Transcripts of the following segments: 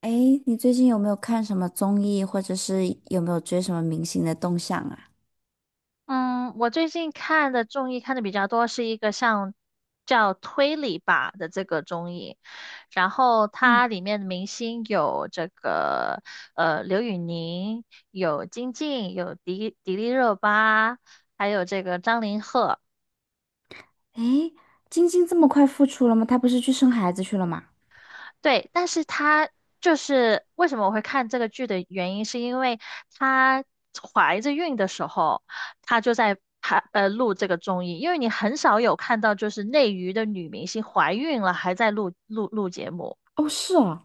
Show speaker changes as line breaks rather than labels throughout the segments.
哎，你最近有没有看什么综艺，或者是有没有追什么明星的动向啊？
嗯，我最近看的综艺看的比较多，是一个像叫推理吧的这个综艺，然后
嗯。
它里面的明星有这个刘宇宁，有金靖，有迪丽热巴，还有这个张凌赫。
哎，晶晶这么快复出了吗？她不是去生孩子去了吗？
对，但是他就是为什么我会看这个剧的原因，是因为她怀着孕的时候，她就在录这个综艺，因为你很少有看到就是内娱的女明星怀孕了还在录节目。
哦，是哦。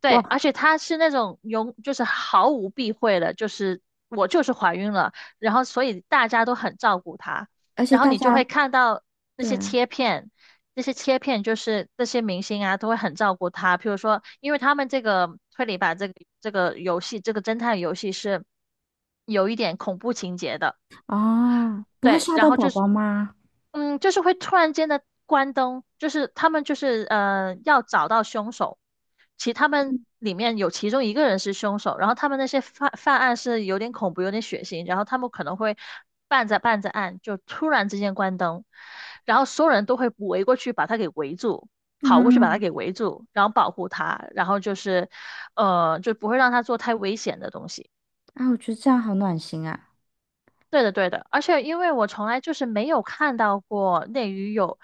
对，
哇，
而且她是那种就是毫无避讳的，就是我就是怀孕了，然后所以大家都很照顾她，
而且
然后
大
你就会
家
看到那
对
些
啊。
切片，那些切片就是那些明星啊都会很照顾她，譬如说，因为他们这个推理吧，这个游戏，这个侦探游戏是有一点恐怖情节的，
哦，不会
对，
吓
然
到
后
宝
就是
宝吗？
嗯，就是会突然间的关灯，就是他们就是要找到凶手，其他们里面有其中一个人是凶手，然后他们那些犯案是有点恐怖、有点血腥，然后他们可能会办着办着案就突然之间关灯，然后所有人都会围过去把他给围住，跑过去把他
嗯。
给围住，然后保护他，然后就是就不会让他做太危险的东西。
啊，我觉得这样好暖心啊。
对的，对的，而且因为我从来就是没有看到过内娱有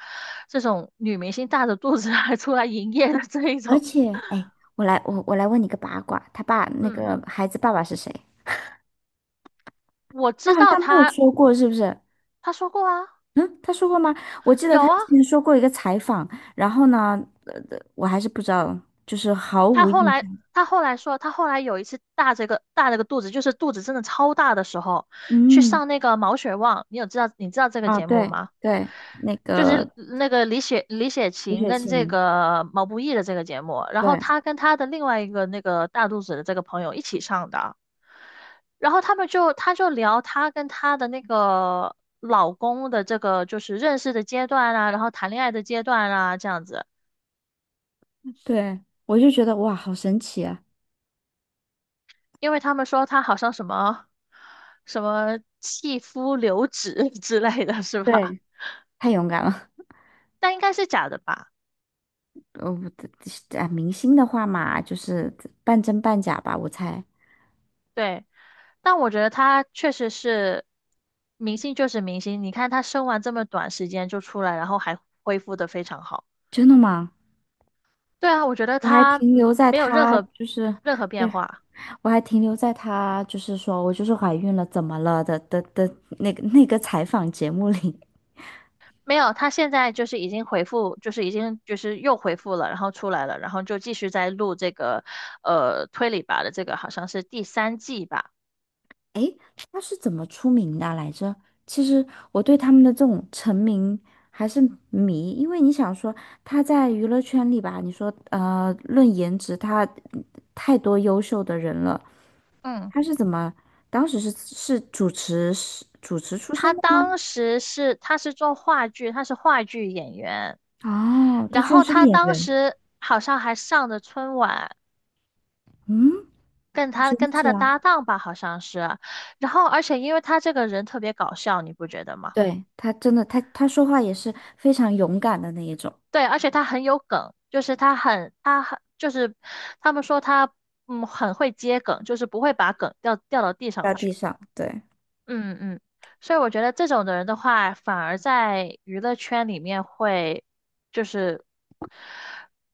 这种女明星大着肚子 还出来营业的这一
而
种。
且，哎，我来问你个八卦，他爸那
嗯，
个孩子爸爸是谁？
我
他
知
好
道
像没有
她，
说过，是不是？
她说过啊，
嗯，他说过吗？我记得他
有啊，
之前说过一个采访，然后呢，我还是不知道，就是毫
她
无
后
印
来
象。
她后来说，她后来有一次大着个肚子，就是肚子真的超大的时候，去
嗯。
上那个《毛血旺》，你知道这个
啊，
节目
对
吗？
对，那
就是
个
那个李雪
李
琴
雪
跟这
琴，
个毛不易的这个节目，然后
对
她跟她的另外一个那个大肚子的这个朋友一起上的。然后他就聊她跟她的那个老公的这个就是认识的阶段啊，然后谈恋爱的阶段啊这样子，
对，我就觉得哇，好神奇啊！
因为他们说他好像什么什么弃夫留子 之类的是吧？
对，太勇敢了。
但应该是假的吧？
我的啊，明星的话嘛，就是半真半假吧，我猜。
对，但我觉得他确实是明星就是明星，你看他生完这么短时间就出来，然后还恢复的非常好。
真的吗？
对啊，我觉得
我还
他
停留在
没有任
他
何
就是。
任何变
对，
化。
我还停留在她就是说我就是怀孕了，怎么了的那个那个采访节目里。
没有，他现在就是已经回复，就是已经就是又回复了，然后出来了，然后就继续在录这个推理吧的这个好像是第三季吧。
诶，她是怎么出名的啊来着？其实我对他们的这种成名还是迷，因为你想说他在娱乐圈里吧，你说论颜值，他太多优秀的人了。
嗯，
他是怎么当时是主持出身
他
的吗？
当时是他是做话剧，他是话剧演员，
哦，他
然
居然
后
是个
他
演
当
员。
时好像还上着春晚，
嗯，
跟
好
他
神
跟他
奇
的
啊！
搭档吧好像是，然后而且因为他这个人特别搞笑，你不觉得吗？
对，他真的，他他说话也是非常勇敢的那一种。
对，而且他很有梗，就是他很就是他们说他很会接梗，就是不会把梗掉到地上
在地
去。
上，对。
嗯嗯，所以我觉得这种的人的话，反而在娱乐圈里面会就是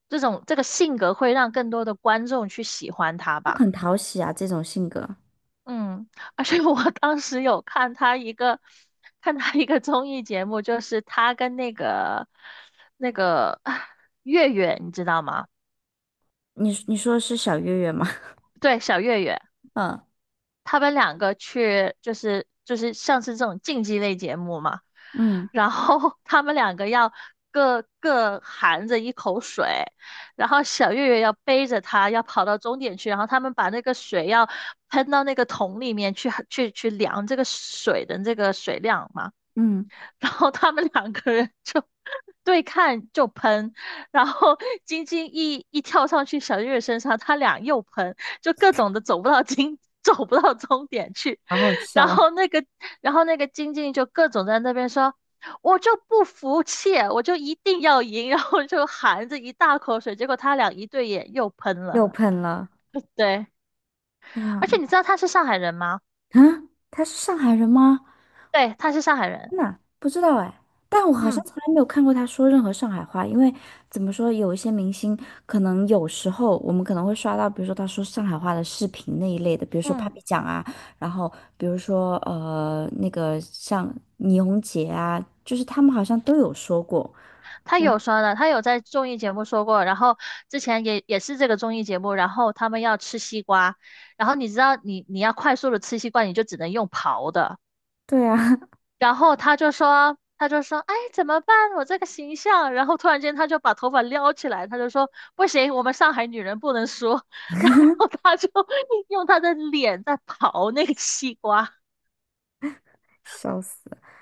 这种这个性格会让更多的观众去喜欢他
就
吧。
很讨喜啊，这种性格。
嗯，而且我 当时有看他一个综艺节目，就是他跟那个那个啊月月，你知道吗？
你你说的是小月月吗？
对，小岳岳，
嗯
他们两个去就是就是像是这种竞技类节目嘛，
嗯
然后 他们两个要各含着一口水，然后小岳岳要背着他要跑到终点去，然后他们把那个水要喷到那个桶里面去去量这个水的这个水量嘛，
嗯，
然后他们两个人就 对看就喷，然后 晶晶一跳上去小月身上，他俩又喷，就各种的走不到晶，走不到终点去。
好好
然
笑。
后那个，然后那个晶晶就各种在那边说。我就不服气，我就一定要赢，然后就含着一大口水，结果他俩一对眼又喷了。
又喷了。
对，
哎呀，
而且你知道他是上海人吗？
啊，他是上海人吗？
对，他是上海人。
真的不知道哎。但我好像
嗯
从来没有看过他说任何上海话，因为怎么说，有一些明星可能有时候我们可能会刷到，比如说他说上海话的视频那一类的，比如说
嗯。
Papi 酱啊，然后比如说那个像倪虹洁啊，就是他们好像都有说过。
他
嗯
有酸的，他有在综艺节目说过，然后之前也是这个综艺节目，然后他们要吃西瓜，然后你知道你要快速的吃西瓜，你就只能用刨的，
对啊。
然后他就说，哎，怎么办？我这个形象，然后突然间他就把头发撩起来，他就说不行，我们上海女人不能说。然后他就 用他的脸在刨那个西瓜，
笑死！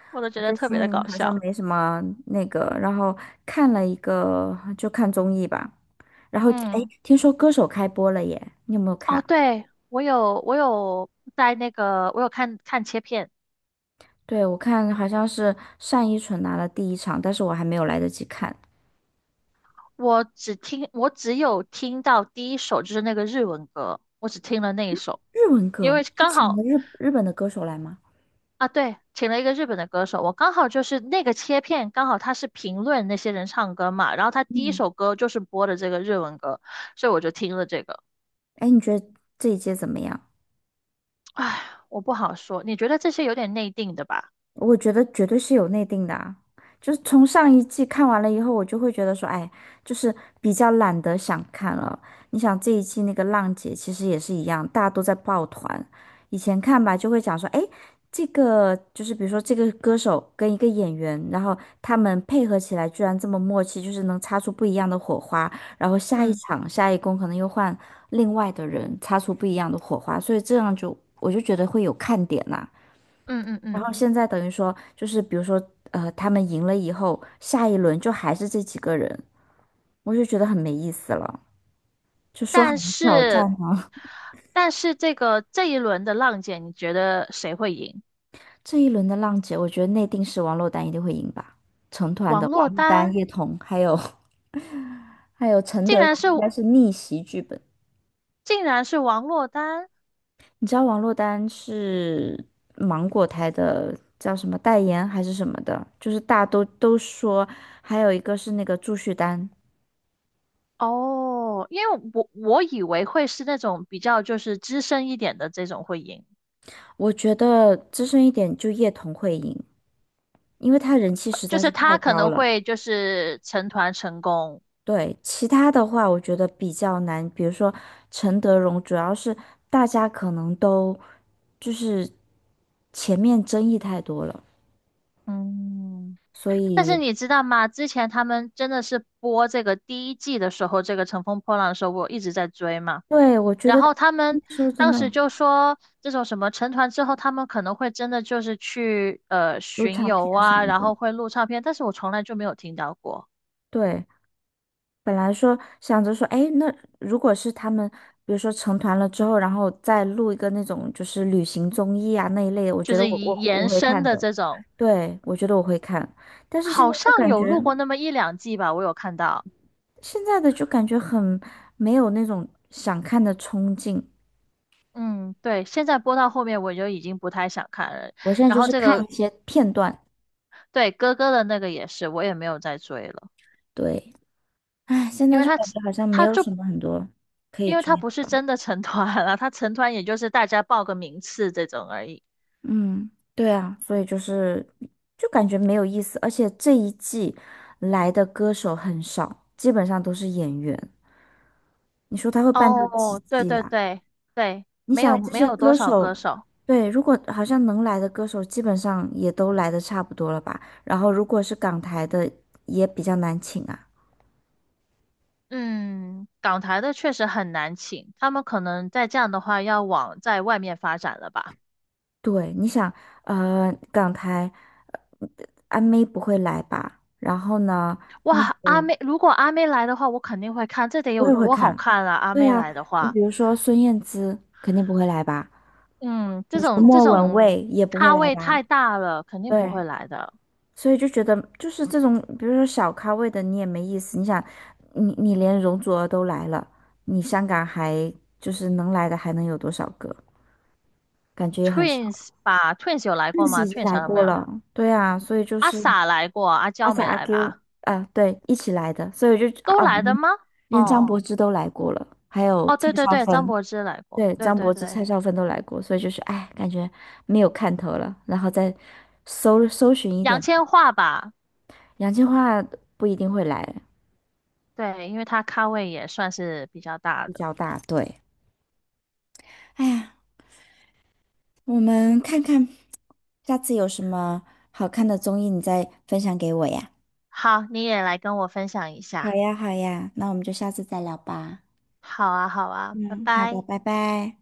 我都觉
我
得
最
特别的
近
搞
好像
笑。
没什么那个，然后看了一个就看综艺吧，然后哎，
嗯，
听说歌手开播了耶，你有没有
哦，
看？
对，我有我有在那个我有看看切片。
对，我看好像是单依纯拿了第一场，但是我还没有来得及看。
我只有听到第一首就是那个日文歌，我只听了那一首，
日文
因
歌，
为
他
刚
请
好
了日本的歌手来吗？
啊，对，请了一个日本的歌手，我刚好就是那个切片，刚好他是评论那些人唱歌嘛，然后他第一
嗯。
首歌就是播的这个日文歌，所以我就听了这个。
哎，你觉得这一届怎么样？
唉，我不好说，你觉得这些有点内定的吧？
我觉得绝对是有内定的啊，就是从上一季看完了以后，我就会觉得说，哎，就是比较懒得想看了。你想这一季那个浪姐其实也是一样，大家都在抱团。以前看吧，就会讲说，哎，这个就是比如说这个歌手跟一个演员，然后他们配合起来居然这么默契，就是能擦出不一样的火花。然后下一
嗯
场下一公可能又换另外的人擦出不一样的火花，所以这样就我就觉得会有看点呐、
嗯嗯
然
嗯，
后现在等于说，就是比如说，他们赢了以后，下一轮就还是这几个人，我就觉得很没意思了。就说好
但
的挑战
是
呢。
但是这个这一轮的浪姐，你觉得谁会赢？
这一轮的浪姐，我觉得内定是王珞丹一定会赢吧。成团
王
的王
珞
珞丹、
丹
叶童，还有 还有陈
竟
德
然
容，
是
应该是逆袭剧本。
竟然是王珞丹。
你知道王珞丹是芒果台的叫什么代言还是什么的，就是大家都说，还有一个是那个祝绪丹。
哦，因为我以为会是那种比较就是资深一点的这种会赢，
我觉得资深一点就叶童会赢。因为他人气实
就
在
是
是太
他可
高
能
了。
会就是成团成功，
对，其他的话我觉得比较难，比如说陈德容，主要是大家可能都就是前面争议太多了，
嗯。
所
但是
以
你知道吗？之前他们真的是播这个第一季的时候，这个《乘风破浪》的时候，我一直在追嘛。
对。我觉
然
得
后他
那
们
时候真
当
的
时就说，这种什么成团之后，他们可能会真的就是去
有
巡
唱
游
片什
啊，
么
然
的，
后会录唱片，但是我从来就没有听到过，
对，本来说想着说，哎，那如果是他们，比如说成团了之后，然后再录一个那种就是旅行综艺啊那一类的，我
就
觉得
是
我
以
我
延
我会
伸
看
的
的。
这种。
对，我觉得我会看。但是现
好
在就
像
感
有
觉
录过那么一两季吧，我有看到。
现在的就感觉很没有那种想看的冲劲。
嗯，对，现在播到后面我就已经不太想看了。
我现在
然
就
后
是
这
看
个，
一些片段，
对，哥哥的那个也是，我也没有再追了，
对。哎，现
因
在
为
就感觉好像没
他
有
就
什么很多可以
他
追
不是
的。
真的成团了，他成团也就是大家报个名次这种而已。
嗯，对啊，所以就是就感觉没有意思，而且这一季来的歌手很少，基本上都是演员。你说他会办到几
哦，对
季
对
呀、
对对，
你
没有
想这
没
些
有多
歌
少
手，
歌手。
对，如果好像能来的歌手，基本上也都来的差不多了吧？然后如果是港台的，也比较难请啊。
嗯，港台的确实很难请，他们可能在这样的话要往在外面发展了吧。
对，你想，港台阿妹不会来吧？然后呢，那
哇，阿
个
妹，如果阿妹来的话，我肯定会看，这得
我
有
也会
多好
看。
看啊！阿
对
妹
啊，
来的
你
话，
比如说孙燕姿肯定不会来吧，
嗯，这种这
莫文
种
蔚也不会
咖
来
位
吧，
太大了，肯定不
对，
会来的。
所以就觉得就是这种，比如说小咖位的你也没意思。你想，你你连容祖儿都来了，你香港还就是能来的还能有多少个？感觉也很少。
Twins 吧，Twins 有来
邓
过
紫
吗
已经
？Twins
来
啥了没
过
有？
了，对啊，所以就
阿
是
sa 来过，阿
阿
娇
sa
没
阿
来
Q
吧？
啊，对，一起来的，所以我就
都
啊，
来的吗？
连张
哦
柏芝都来过了，还有
哦，
蔡
对对
少
对，张
芬。
柏芝来过，
对，
对
张
对
柏芝、
对，
蔡少芬都来过，所以就是哎，感觉没有看头了，然后再搜寻一
杨
点，
千嬅吧，
杨千嬅不一定会来，
对，因为她咖位也算是比较大
比
的。
较大，对。哎呀，我
嗯，
们看看下次有什么好看的综艺，你再分享给我呀。
好，你也来跟我分享一
好
下。
呀，好呀，那我们就下次再聊吧。
好啊，好啊，拜
嗯，好的，
拜。
拜拜。